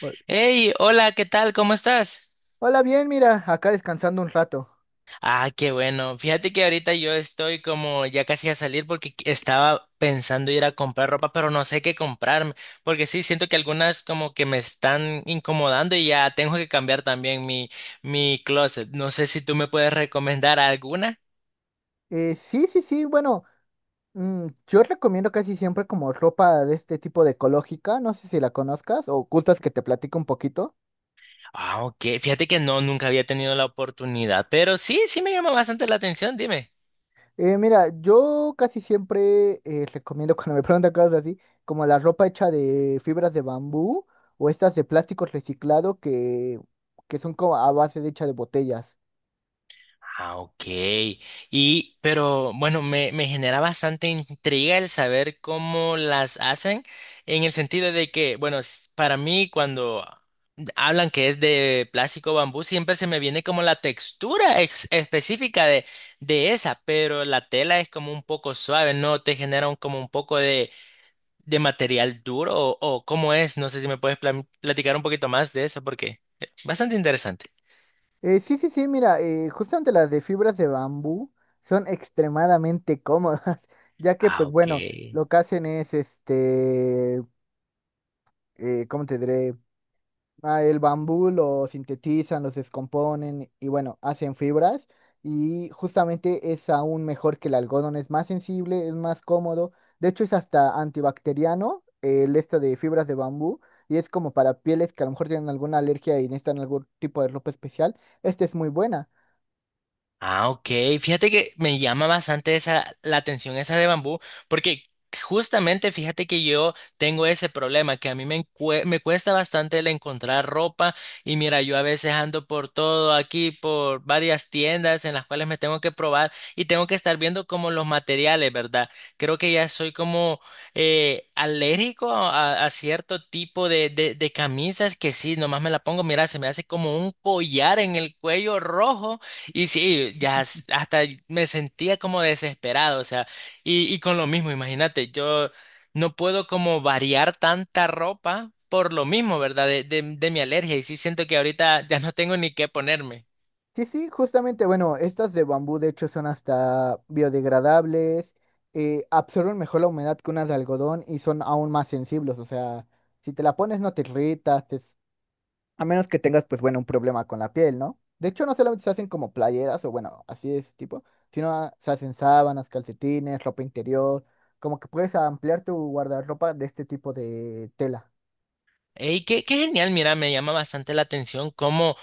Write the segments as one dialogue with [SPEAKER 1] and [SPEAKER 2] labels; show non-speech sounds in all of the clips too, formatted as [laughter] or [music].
[SPEAKER 1] Hol-
[SPEAKER 2] Hey, hola, ¿qué tal? ¿Cómo estás?
[SPEAKER 1] Hola, bien, mira, acá descansando un rato.
[SPEAKER 2] Ah, qué bueno. Fíjate que ahorita yo estoy como ya casi a salir porque estaba pensando ir a comprar ropa, pero no sé qué comprarme, porque sí, siento que algunas como que me están incomodando y ya tengo que cambiar también mi, closet. No sé si tú me puedes recomendar alguna.
[SPEAKER 1] Sí, sí, sí, bueno, yo recomiendo casi siempre como ropa de este tipo de ecológica, no sé si la conozcas o gustas que te platico un poquito.
[SPEAKER 2] Ah, ok. Fíjate que no, nunca había tenido la oportunidad, pero sí, sí me llama bastante la atención, dime.
[SPEAKER 1] Mira, yo casi siempre recomiendo [laughs] cuando me preguntan cosas así, como la ropa hecha de fibras de bambú o estas de plástico reciclado que son como a base de hecha de botellas.
[SPEAKER 2] Ah, ok. Y, pero bueno, me genera bastante intriga el saber cómo las hacen, en el sentido de que, bueno, para mí cuando hablan que es de plástico o bambú, siempre se me viene como la textura específica de, esa, pero la tela es como un poco suave, ¿no? Te genera como un poco de, material duro o, cómo es, no sé si me puedes platicar un poquito más de eso porque es bastante interesante.
[SPEAKER 1] Sí, sí, sí, mira, justamente las de fibras de bambú son extremadamente cómodas, [laughs] ya que,
[SPEAKER 2] Ah,
[SPEAKER 1] pues
[SPEAKER 2] ok.
[SPEAKER 1] bueno, lo que hacen es, este, ¿cómo te diré? Ah, el bambú lo sintetizan, los descomponen y bueno, hacen fibras, y justamente es aún mejor que el algodón, es más sensible, es más cómodo, de hecho es hasta antibacteriano, el esto de fibras de bambú, y es como para pieles que a lo mejor tienen alguna alergia y necesitan algún tipo de ropa especial, esta es muy buena.
[SPEAKER 2] Ah, ok. Fíjate que me llama bastante esa, la atención esa de bambú, porque justamente fíjate que yo tengo ese problema, que a mí me cuesta bastante el encontrar ropa y mira, yo a veces ando por todo aquí, por varias tiendas en las cuales me tengo que probar y tengo que estar viendo como los materiales, ¿verdad? Creo que ya soy como alérgico a cierto tipo de camisas que sí, nomás me la pongo, mira, se me hace como un collar en el cuello rojo. Y sí, ya hasta me sentía como desesperado, o sea, y con lo mismo, imagínate, yo no puedo como variar tanta ropa por lo mismo, ¿verdad? De mi alergia, y sí siento que ahorita ya no tengo ni qué ponerme.
[SPEAKER 1] Sí, sí, justamente, bueno, estas de bambú de hecho son hasta biodegradables, absorben mejor la humedad que unas de algodón y son aún más sensibles, o sea, si te la pones no te irritas, a menos que tengas pues bueno un problema con la piel, ¿no? De hecho no solamente se hacen como playeras o bueno, así de ese tipo, sino se hacen sábanas, calcetines, ropa interior, como que puedes ampliar tu guardarropa de este tipo de tela.
[SPEAKER 2] Ey, qué genial, mira, me llama bastante la atención cómo,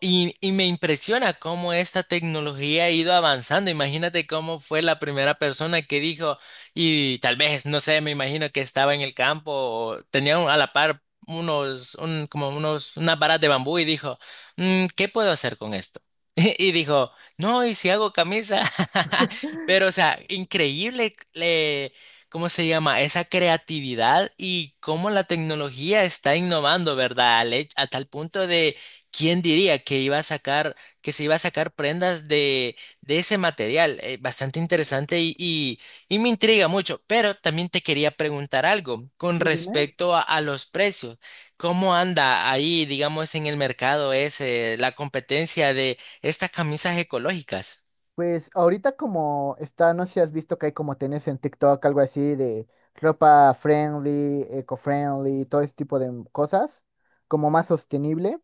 [SPEAKER 2] y me impresiona cómo esta tecnología ha ido avanzando. Imagínate cómo fue la primera persona que dijo, y tal vez, no sé, me imagino que estaba en el campo, o tenía a la par como unos, unas varas de bambú y dijo, "Mm, ¿qué puedo hacer con esto? [laughs] Y dijo, no, ¿y si hago camisa?" [laughs] Pero, o sea, increíble, ¿cómo se llama? Esa creatividad y cómo la tecnología está innovando, ¿verdad? A tal punto de. ¿Quién diría que iba a sacar, que se iba a sacar prendas de, ese material? Bastante interesante y me intriga mucho. Pero también te quería preguntar algo con
[SPEAKER 1] Sí, dime.
[SPEAKER 2] respecto a los precios. ¿Cómo anda ahí, digamos, en el mercado ese, la competencia de estas camisas ecológicas?
[SPEAKER 1] Pues ahorita como está, no sé si has visto que hay como tenés en TikTok, algo así de ropa friendly, eco-friendly, todo ese tipo de cosas, como más sostenible.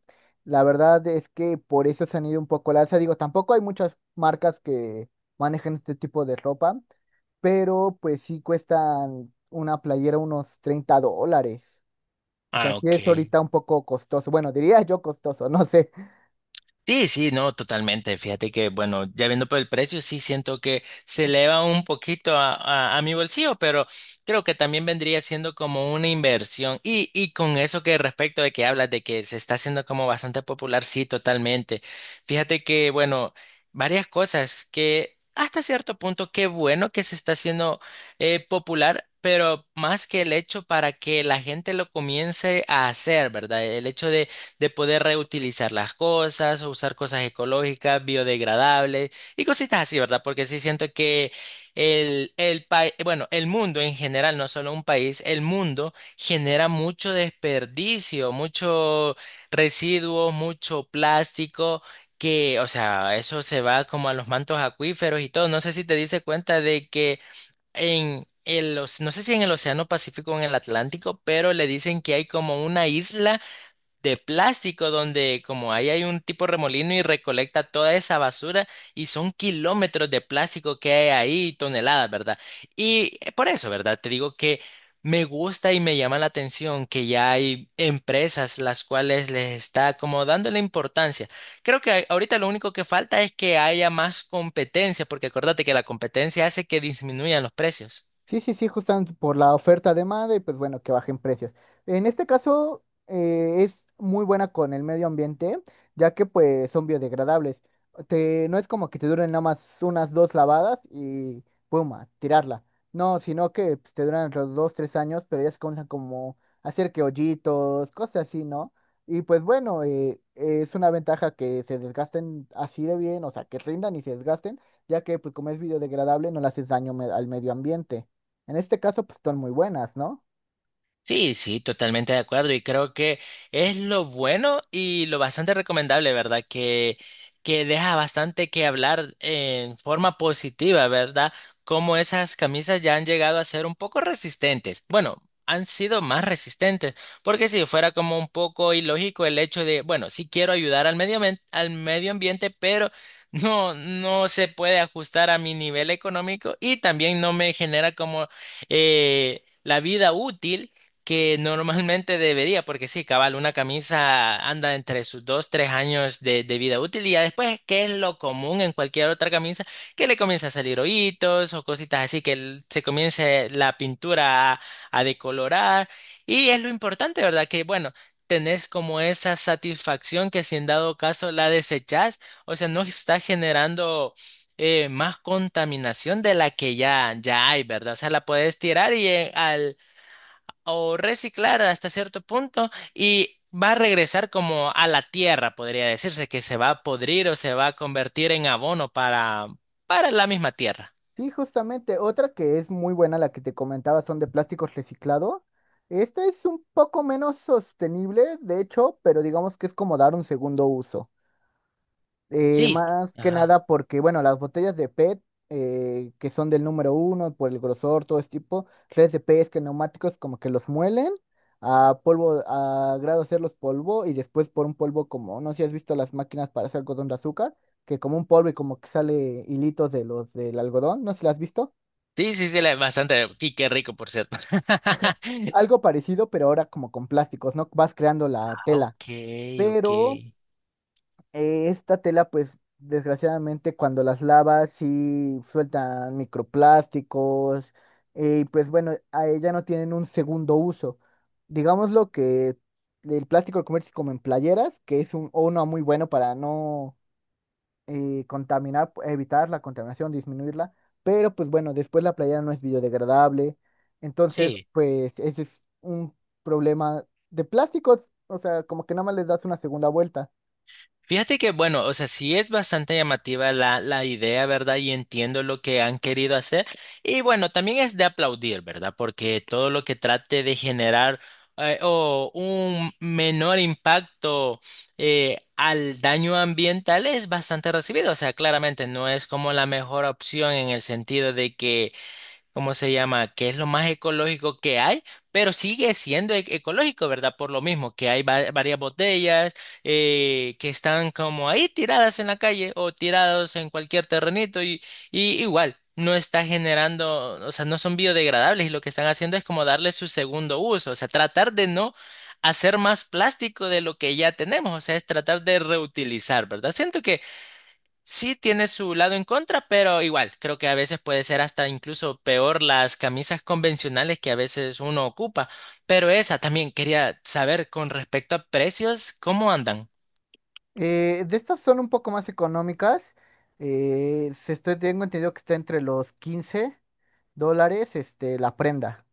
[SPEAKER 1] La verdad es que por eso se han ido un poco al alza. Digo, tampoco hay muchas marcas que manejan este tipo de ropa, pero pues sí cuestan una playera unos 30 dólares. O sea,
[SPEAKER 2] Ah,
[SPEAKER 1] sí
[SPEAKER 2] ok.
[SPEAKER 1] es ahorita un poco costoso. Bueno, diría yo costoso, [laughs] no sé.
[SPEAKER 2] Sí, sí, no, totalmente. Fíjate que, bueno, ya viendo por el precio, sí siento que se eleva un poquito a mi bolsillo, pero creo que también vendría siendo como una inversión. Y con eso que respecto de que hablas de que se está haciendo como bastante popular, sí, totalmente. Fíjate que, bueno, varias cosas que hasta cierto punto, qué bueno que se está haciendo popular. Pero más que el hecho para que la gente lo comience a hacer, ¿verdad? El hecho de poder reutilizar las cosas, o usar cosas ecológicas, biodegradables y cositas así, ¿verdad? Porque sí siento que el país, bueno, el mundo en general, no solo un país, el mundo genera mucho desperdicio, mucho residuos, mucho plástico. Que, o sea, eso se va como a los mantos acuíferos y todo. No sé si te diste cuenta de que no sé si en el Océano Pacífico o en el Atlántico, pero le dicen que hay como una isla de plástico donde como ahí hay un tipo remolino y recolecta toda esa basura y son kilómetros de plástico que hay ahí, toneladas, ¿verdad? Por eso, ¿verdad? Te digo que me gusta y me llama la atención que ya hay empresas las cuales les está como dando la importancia. Creo que ahorita lo único que falta es que haya más competencia, porque acuérdate que la competencia hace que disminuyan los precios.
[SPEAKER 1] Sí, sí, sí, justamente por la oferta demanda y pues bueno, que bajen precios. En este caso es muy buena con el medio ambiente, ya que pues son biodegradables. Te, no es como que te duren nada más unas dos lavadas y pum, a tirarla. No, sino que pues, te duran entre los dos, tres años, pero ya se comienzan como a hacer que hoyitos, cosas así, ¿no? Y pues bueno, es una ventaja que se desgasten así de bien, o sea, que rindan y se desgasten, ya que pues como es biodegradable no le haces daño al medio ambiente. En este caso, pues son muy buenas, ¿no?
[SPEAKER 2] Sí, sí, totalmente de acuerdo y creo que es lo bueno y lo bastante recomendable, ¿verdad? Que deja bastante que hablar en forma positiva, ¿verdad? Como esas camisas ya han llegado a ser un poco resistentes. Bueno, han sido más resistentes, porque si fuera como un poco ilógico el hecho de, bueno, sí quiero ayudar al medio ambiente, pero [laughs] no, no se puede ajustar a mi nivel económico y también no me genera como. La vida útil que normalmente debería, porque sí, cabal, una camisa anda entre sus 2, 3 años de vida útil y ya después, ¿qué es lo común en cualquier otra camisa? Que le comienza a salir hoyitos o cositas así, que se comience la pintura a decolorar y es lo importante, ¿verdad? Que bueno, tenés como esa satisfacción que si en dado caso la desechás, o sea, no está generando más contaminación de la que ya, ya hay, ¿verdad? O sea, la puedes tirar y o reciclar hasta cierto punto y va a regresar como a la tierra, podría decirse, que se va a podrir o se va a convertir en abono para la misma tierra.
[SPEAKER 1] Sí, justamente. Otra que es muy buena, la que te comentaba, son de plásticos reciclado. Esta es un poco menos sostenible, de hecho, pero digamos que es como dar un segundo uso.
[SPEAKER 2] Sí,
[SPEAKER 1] Más que
[SPEAKER 2] ajá.
[SPEAKER 1] nada porque, bueno, las botellas de PET, que son del número uno, por el grosor, todo ese tipo, redes de PET, que neumáticos como que los muelen a polvo, a grado hacerlos polvo y después por un polvo como, no sé si has visto las máquinas para hacer algodón de azúcar, que como un polvo y como que sale hilitos de los del algodón, no sé si las has visto.
[SPEAKER 2] Sí, sí, sí, bastante. Y qué rico, por cierto. [laughs]
[SPEAKER 1] Algo parecido, pero ahora como con plásticos, ¿no? Vas creando la
[SPEAKER 2] Ah,
[SPEAKER 1] tela.
[SPEAKER 2] ok,
[SPEAKER 1] Pero
[SPEAKER 2] ok.
[SPEAKER 1] Esta tela, pues, desgraciadamente, cuando las lavas, sí sueltan microplásticos. Y pues bueno, a ella no tienen un segundo uso. Digámoslo que el plástico lo conviertes como en playeras, que es uno muy bueno para no contaminar, evitar la contaminación, disminuirla. Pero pues bueno, después la playera no es biodegradable. Entonces,
[SPEAKER 2] Sí.
[SPEAKER 1] pues, ese es un problema de plásticos. O sea, como que nada más les das una segunda vuelta.
[SPEAKER 2] Fíjate que, bueno, o sea, sí es bastante llamativa la idea, ¿verdad? Y entiendo lo que han querido hacer. Y bueno, también es de aplaudir, ¿verdad? Porque todo lo que trate de generar o un menor impacto al daño ambiental es bastante recibido. O sea, claramente no es como la mejor opción en el sentido de que, ¿cómo se llama? Que es lo más ecológico que hay, pero sigue siendo ecológico, ¿verdad? Por lo mismo, que hay varias botellas que están como ahí tiradas en la calle o tirados en cualquier terrenito y igual. No está generando, o sea, no son biodegradables y lo que están haciendo es como darle su segundo uso, o sea, tratar de no hacer más plástico de lo que ya tenemos, o sea, es tratar de reutilizar, ¿verdad? Siento Sí tiene su lado en contra, pero igual, creo que a veces puede ser hasta incluso peor las camisas convencionales que a veces uno ocupa. Pero esa también quería saber con respecto a precios, ¿cómo andan?
[SPEAKER 1] De estas son un poco más económicas. Tengo entendido que está entre los 15 dólares, este, la prenda.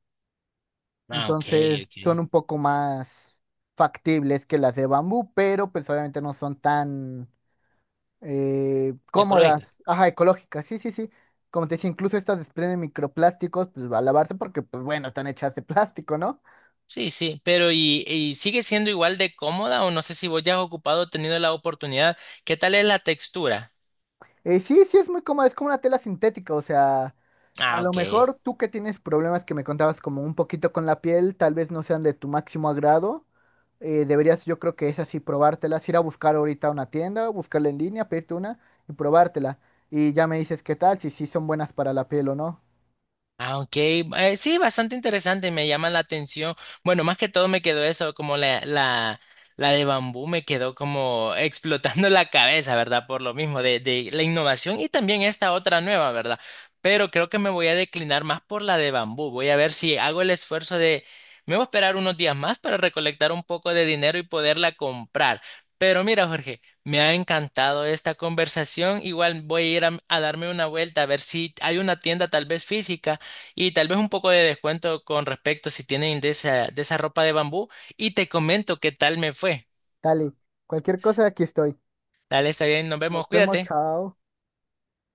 [SPEAKER 2] Ah, ok,
[SPEAKER 1] Entonces son
[SPEAKER 2] ok.
[SPEAKER 1] un poco más factibles que las de bambú, pero pues obviamente no son tan
[SPEAKER 2] Ecológica.
[SPEAKER 1] cómodas. Ajá, ecológicas, sí, sí, sí. Como te decía, incluso estas desprenden microplásticos, pues va a lavarse porque, pues bueno, están hechas de plástico, ¿no?
[SPEAKER 2] Sí, sí, pero ¿y sigue siendo igual de cómoda o no sé si vos ya has ocupado, tenido la oportunidad? ¿Qué tal es la textura?
[SPEAKER 1] Sí, sí, es muy cómoda, es como una tela sintética, o sea, a
[SPEAKER 2] Ah,
[SPEAKER 1] lo
[SPEAKER 2] ok.
[SPEAKER 1] mejor tú que tienes problemas que me contabas como un poquito con la piel, tal vez no sean de tu máximo agrado, deberías yo creo que es así, probártelas, ir a buscar ahorita a una tienda, buscarla en línea, pedirte una y probártela. Y ya me dices qué tal, si sí son buenas para la piel o no.
[SPEAKER 2] Ah, ok. Sí, bastante interesante, me llama la atención. Bueno, más que todo me quedó eso, como la, la de bambú me quedó como [laughs] explotando la cabeza, ¿verdad? Por lo mismo, de la innovación y también esta otra nueva, ¿verdad? Pero creo que me voy a declinar más por la de bambú. Voy a ver si hago el esfuerzo de. Me voy a esperar unos días más para recolectar un poco de dinero y poderla comprar. Pero mira, Jorge, me ha encantado esta conversación. Igual voy a ir a darme una vuelta a ver si hay una tienda tal vez física y tal vez un poco de descuento con respecto si tienen de esa ropa de bambú. Y te comento qué tal me fue.
[SPEAKER 1] Dale, cualquier cosa aquí estoy.
[SPEAKER 2] Dale, está bien, nos
[SPEAKER 1] Nos
[SPEAKER 2] vemos,
[SPEAKER 1] vemos,
[SPEAKER 2] cuídate.
[SPEAKER 1] chao.